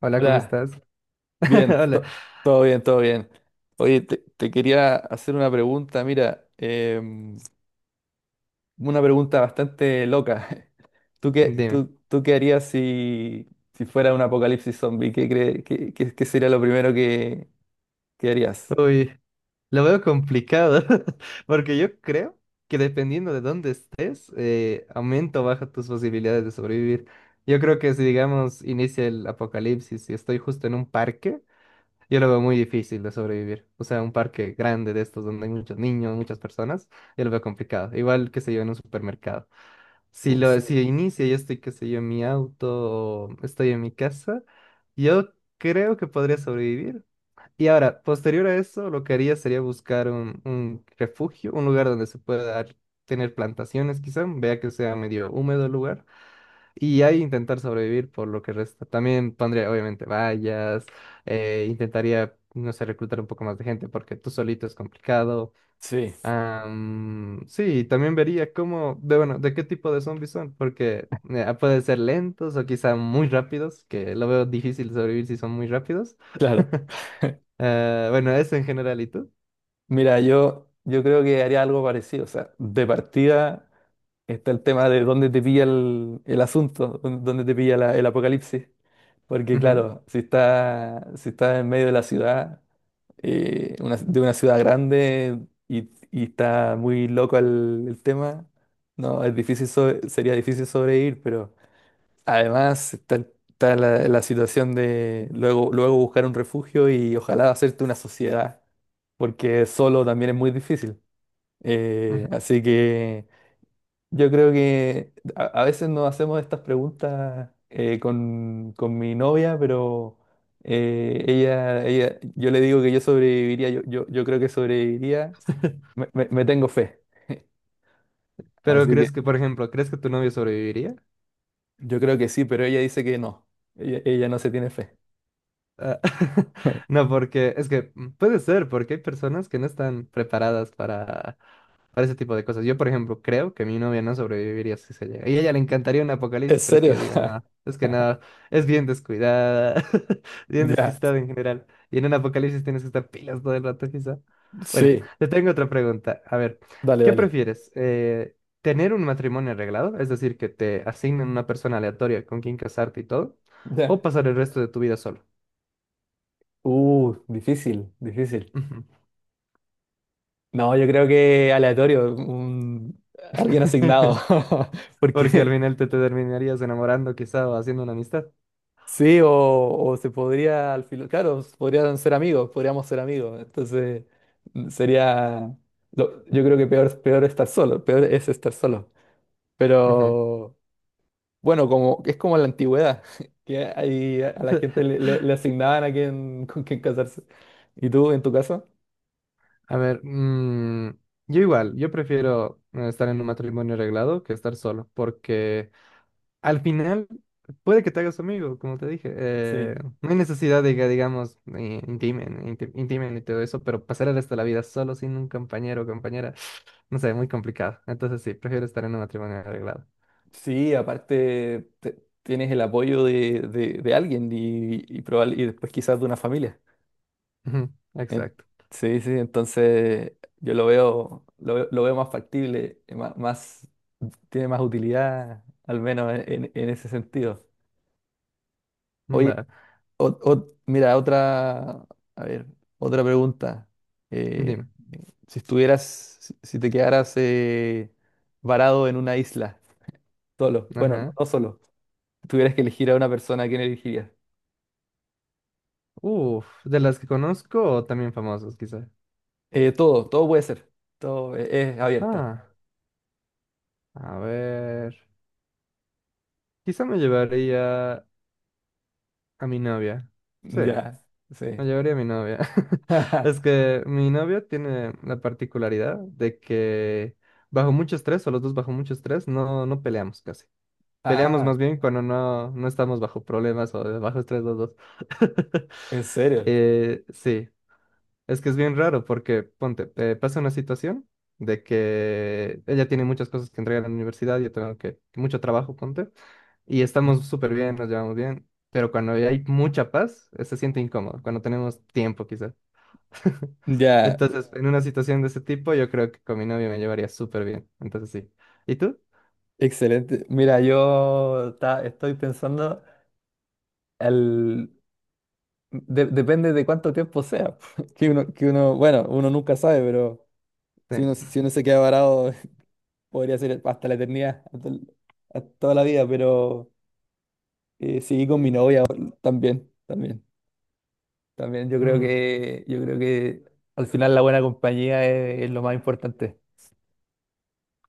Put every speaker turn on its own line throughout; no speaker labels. Hola, ¿cómo
Hola,
estás?
bien,
Hola,
todo bien, todo bien. Oye, te quería hacer una pregunta, mira, una pregunta bastante loca. ¿Tú qué,
dime.
tú, tú qué harías si fuera un apocalipsis zombie? ¿Qué, cre- qué, qué- qué sería lo primero que harías?
Uy, lo veo complicado, porque yo creo que dependiendo de dónde estés, aumenta o baja tus posibilidades de sobrevivir. Yo creo que si, digamos, inicia el apocalipsis y estoy justo en un parque, yo lo veo muy difícil de sobrevivir. O sea, un parque grande de estos donde hay muchos niños, muchas personas, yo lo veo complicado. Igual que se yo en un supermercado.
Uy, sí.
Si inicia, yo estoy, qué sé yo, en mi auto o estoy en mi casa, yo creo que podría sobrevivir. Y ahora, posterior a eso, lo que haría sería buscar un refugio, un lugar donde se pueda tener plantaciones, quizá, vea que sea medio húmedo el lugar, y ahí intentar sobrevivir por lo que resta. También pondría, obviamente, vallas, intentaría, no sé, reclutar un poco más de gente, porque tú solito es complicado.
Sí,
Sí, también vería cómo, de, bueno, de qué tipo de zombies son, porque pueden ser lentos o quizá muy rápidos, que lo veo difícil sobrevivir si son muy rápidos.
claro.
Ah, bueno, eso en general, ¿y tú?
Mira, yo creo que haría algo parecido. O sea, de partida está el tema de dónde te pilla el asunto, dónde te pilla el apocalipsis. Porque
Ujú,
claro, si está en medio de la ciudad, de una ciudad grande, y está muy loco el tema. No, sería difícil sobrevivir, pero además está la situación de luego, luego buscar un refugio y ojalá hacerte una sociedad, porque solo también es muy difícil. Eh,
ujú.
así que... Yo creo que a veces nos hacemos estas preguntas, con mi novia, pero yo le digo que yo sobreviviría, yo creo que sobreviviría, me tengo fe.
Pero
Así que
crees que, por ejemplo, ¿crees que tu novio sobreviviría?
yo creo que sí, pero ella dice que no, ella no se tiene fe.
Ah, no, porque es que puede ser, porque hay personas que no están preparadas para ese tipo de cosas. Yo, por ejemplo, creo que mi novia no sobreviviría si se llega. Y a ella le encantaría un
¿En
apocalipsis, pero es que
serio?
yo digo, nada, es que nada, es bien descuidada, bien
Ya,
despistada en general. Y en un apocalipsis tienes que estar pilas todo el rato, quizá. Bueno,
sí,
te tengo otra pregunta. A ver,
dale,
¿qué
dale.
prefieres? ¿Tener un matrimonio arreglado? Es decir, que te asignen una persona aleatoria con quien casarte y todo,
Ya.
o pasar el resto de tu vida solo.
Difícil, difícil.
Ujú.
No, yo creo que aleatorio, alguien asignado.
Porque al
Porque...
final te terminarías enamorando quizá o haciendo una amistad.
Sí, o se podría, al final, claro, podrían ser amigos, podríamos ser amigos. Entonces, sería, yo creo que peor, peor estar solo, peor es estar solo.
Ujú.
Pero bueno, como es como en la antigüedad, que ahí a la gente le asignaban a quién, con quién casarse. ¿Y tú, en tu caso?
A ver, mm, yo igual, yo prefiero estar en un matrimonio arreglado que estar solo, porque al final puede que te hagas amigo, como te dije.
Sí,
No hay necesidad de que, digamos, intimen y todo eso, pero pasar el resto de la vida solo sin un compañero o compañera, no sé, muy complicado. Entonces sí, prefiero estar en un matrimonio arreglado.
sí, aparte tienes el apoyo de alguien y después quizás de una familia.
Ujú,
En-
exacto.
sí, sí, entonces yo lo veo más factible, más, tiene más utilidad, al menos en, en ese sentido. Oye,
Va,
mira, otra, a ver, otra pregunta. Eh,
dime.
si estuvieras, si, si te quedaras, varado en una isla, solo, bueno, no,
Ajá.
no solo, tuvieras que elegir a una persona, ¿a quién elegirías?
Uf, de las que conozco o también famosos, quizás.
Todo, todo puede ser, todo es abierta.
Ah, a ver. Quizá me llevaría a mi novia. Sí,
Ya,
la
sí.
llevaría a mi novia. Es que mi novia tiene la particularidad de que bajo mucho estrés, o los dos bajo mucho estrés, no peleamos casi. Peleamos
Ah,
más bien cuando no estamos bajo problemas o de bajo estrés los dos.
¿En serio?
Sí, es que es bien raro porque, ponte, pasa una situación de que ella tiene muchas cosas que entregar en la universidad, yo tengo que, mucho trabajo, ponte y estamos súper bien, nos llevamos bien, pero cuando hay mucha paz, se siente incómodo, cuando tenemos tiempo quizás.
Ya,
Entonces, en una situación de ese tipo, yo creo que con mi novio me llevaría súper bien. Entonces, sí. ¿Y tú?
excelente. Mira, estoy pensando, el, depende de cuánto tiempo sea. Que uno, bueno, uno nunca sabe, pero si uno,
Sí.
si uno se queda varado, podría ser hasta la eternidad, hasta toda la vida, pero sí, con mi novia también, también, también. Yo creo
Mm,
que, yo creo que al final la buena compañía es lo más importante.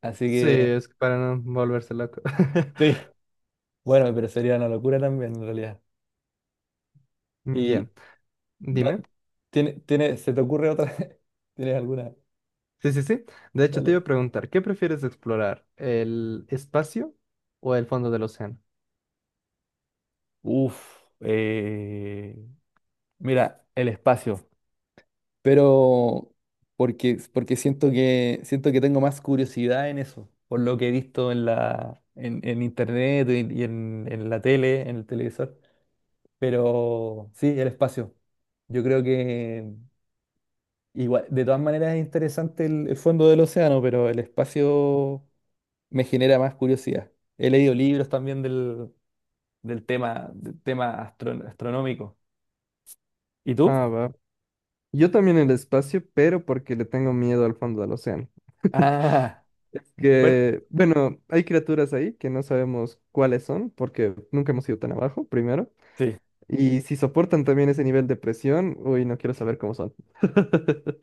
Así
sí,
que
es que para no volverse loco.
sí. Bueno, pero sería una locura también en realidad.
Ya,
Da-
dime.
¿Se te ocurre otra? ¿Tienes alguna?
Sí, sí, sí. De hecho, te iba
Dale.
a preguntar, ¿qué prefieres explorar? ¿El espacio o el fondo del océano?
Uf, mira, el espacio. Pero porque siento que tengo más curiosidad en eso, por lo que he visto en internet y en la tele, en el televisor. Pero sí, el espacio. Yo creo que igual, de todas maneras es interesante el fondo del océano, pero el espacio me genera más curiosidad. He leído libros también astronómico. ¿Y tú?
Ah, va. Yo también el espacio, pero porque le tengo miedo al fondo del océano.
Ah,
Es
bueno,
que, bueno, hay criaturas ahí que no sabemos cuáles son porque nunca hemos ido tan abajo, primero.
sí,
Y si soportan también ese nivel de presión, uy, no quiero saber cómo son.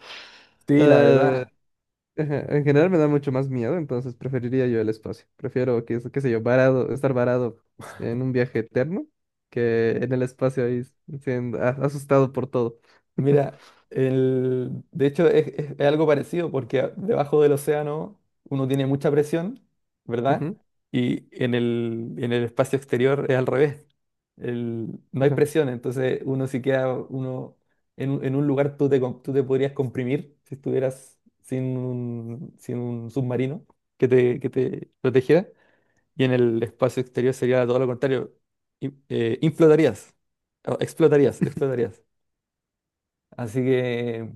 sí, la
Eh,
verdad.
ajá, en general me da mucho más miedo, entonces preferiría yo el espacio. Prefiero, qué, qué sé yo, estar varado en un viaje eterno que en el espacio ahí siendo asustado por todo.
Mira, de hecho es algo parecido porque, debajo del océano uno tiene mucha presión, ¿verdad?
Ujú,
Y en el espacio exterior es al revés. No hay
ajá.
presión, entonces uno, si queda uno en un lugar, tú te podrías comprimir si estuvieras sin un submarino que te protegiera. Y en el espacio exterior sería todo lo contrario. Inflotarías, o explotarías, explotarías. Así que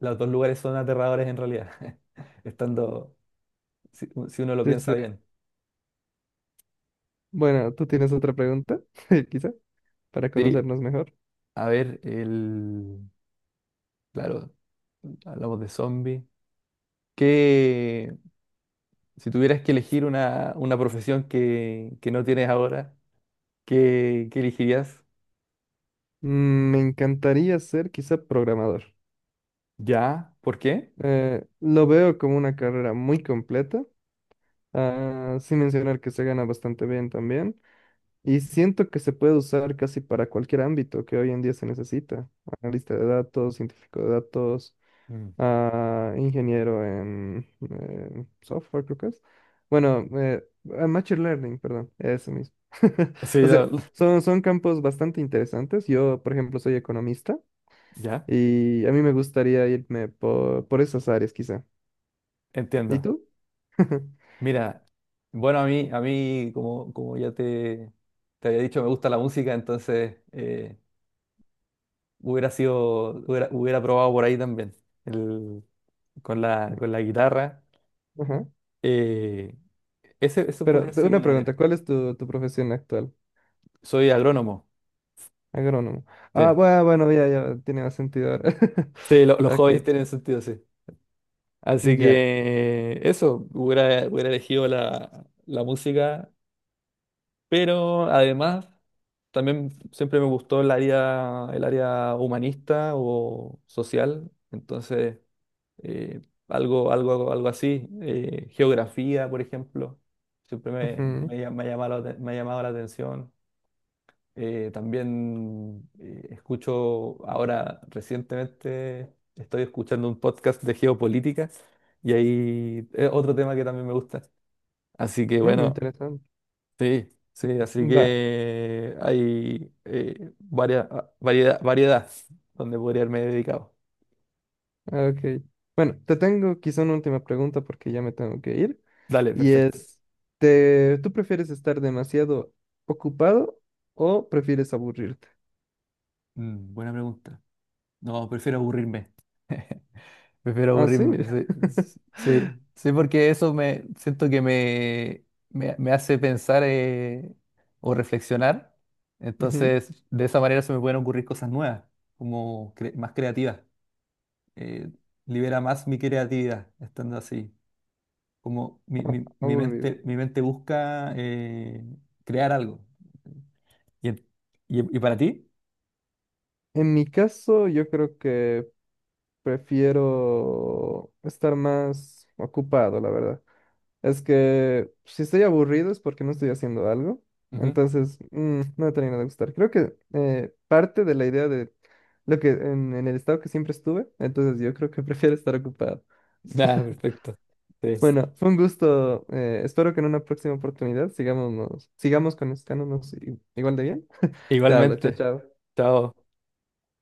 los dos lugares son aterradores en realidad, estando, si uno lo
Sí,
piensa
sí.
bien.
Bueno, ¿tú tienes otra pregunta? Quizá, para
Sí,
conocernos mejor.
a ver, claro, hablamos de zombies. Que si tuvieras que elegir una profesión que no tienes ahora, ¿qué elegirías?
Mm, me encantaría ser quizá programador.
¿Ya? ¿Por qué?
Lo veo como una carrera muy completa, ah, sin mencionar que se gana bastante bien también. Y siento que se puede usar casi para cualquier ámbito que hoy en día se necesita. Analista de datos, científico de datos,
Mm.
ah, ingeniero en software, creo que es. Bueno, ah, Machine Learning, perdón, eso mismo.
Sí,
O sea, son campos bastante interesantes. Yo, por ejemplo, soy economista.
ya,
Y a mí me gustaría irme por esas áreas quizá. ¿Y
entiendo.
tú?
Mira, bueno, a mí como ya te había dicho, me gusta la música, entonces... hubiera probado por ahí también, el- con la guitarra.
Ajá.
Eh, eso
Pero
puede ser
una
un área.
pregunta, ¿cuál es tu, tu profesión actual?
Soy agrónomo,
Agrónomo. Ah,
sí.
bueno, bueno, ya, ya, tiene más sentido ahora.
Sí, los
Ok,
hobbies tienen sentido, sí. Así
ya.
que eso, hubiera elegido la música, pero además también siempre me gustó el área humanista o social, entonces, eh, algo, algo, algo así. Geografía, por ejemplo, siempre me, me,
Ujú,
lla- me ha llamado me ha llamado la atención. También, escucho ahora, recientemente, estoy escuchando un podcast de geopolítica, y ahí es otro tema que también me gusta. Así que
mm,
bueno,
interesante.
sí, sí, así
Va,
que hay, variedad, variedad, donde podría haberme dedicado.
ok. Bueno, te tengo quizá una última pregunta porque ya me tengo que ir.
Dale,
Y
perfecto.
es, ¿te, tú prefieres estar demasiado ocupado o prefieres aburrirte?
Buena pregunta. No, prefiero aburrirme. Prefiero
Ah, sí.
aburrirme. Sí, sí, sí, porque eso, me siento que me hace pensar, o reflexionar.
Ujú,
Entonces, de esa manera se me pueden ocurrir cosas nuevas, como más creativas. Eh, libera más mi creatividad estando así. Como mi, mi- mi
aburrido.
mente, mi mente busca, crear algo. ¿Y, en- y para ti?
En mi caso, yo creo que prefiero estar más ocupado, la verdad. Es que si estoy aburrido es porque no estoy haciendo algo.
Ujú.
Entonces, mm, no me termina de gustar. Creo que parte de la idea de lo que en el estado que siempre estuve, entonces yo creo que prefiero estar ocupado.
Ah, perfecto. Sí.
Bueno, fue un gusto. Eh, espero que en una próxima oportunidad sigamos conectándonos igual de bien. Te hablo, chao,
Igualmente.
chao.
Chao.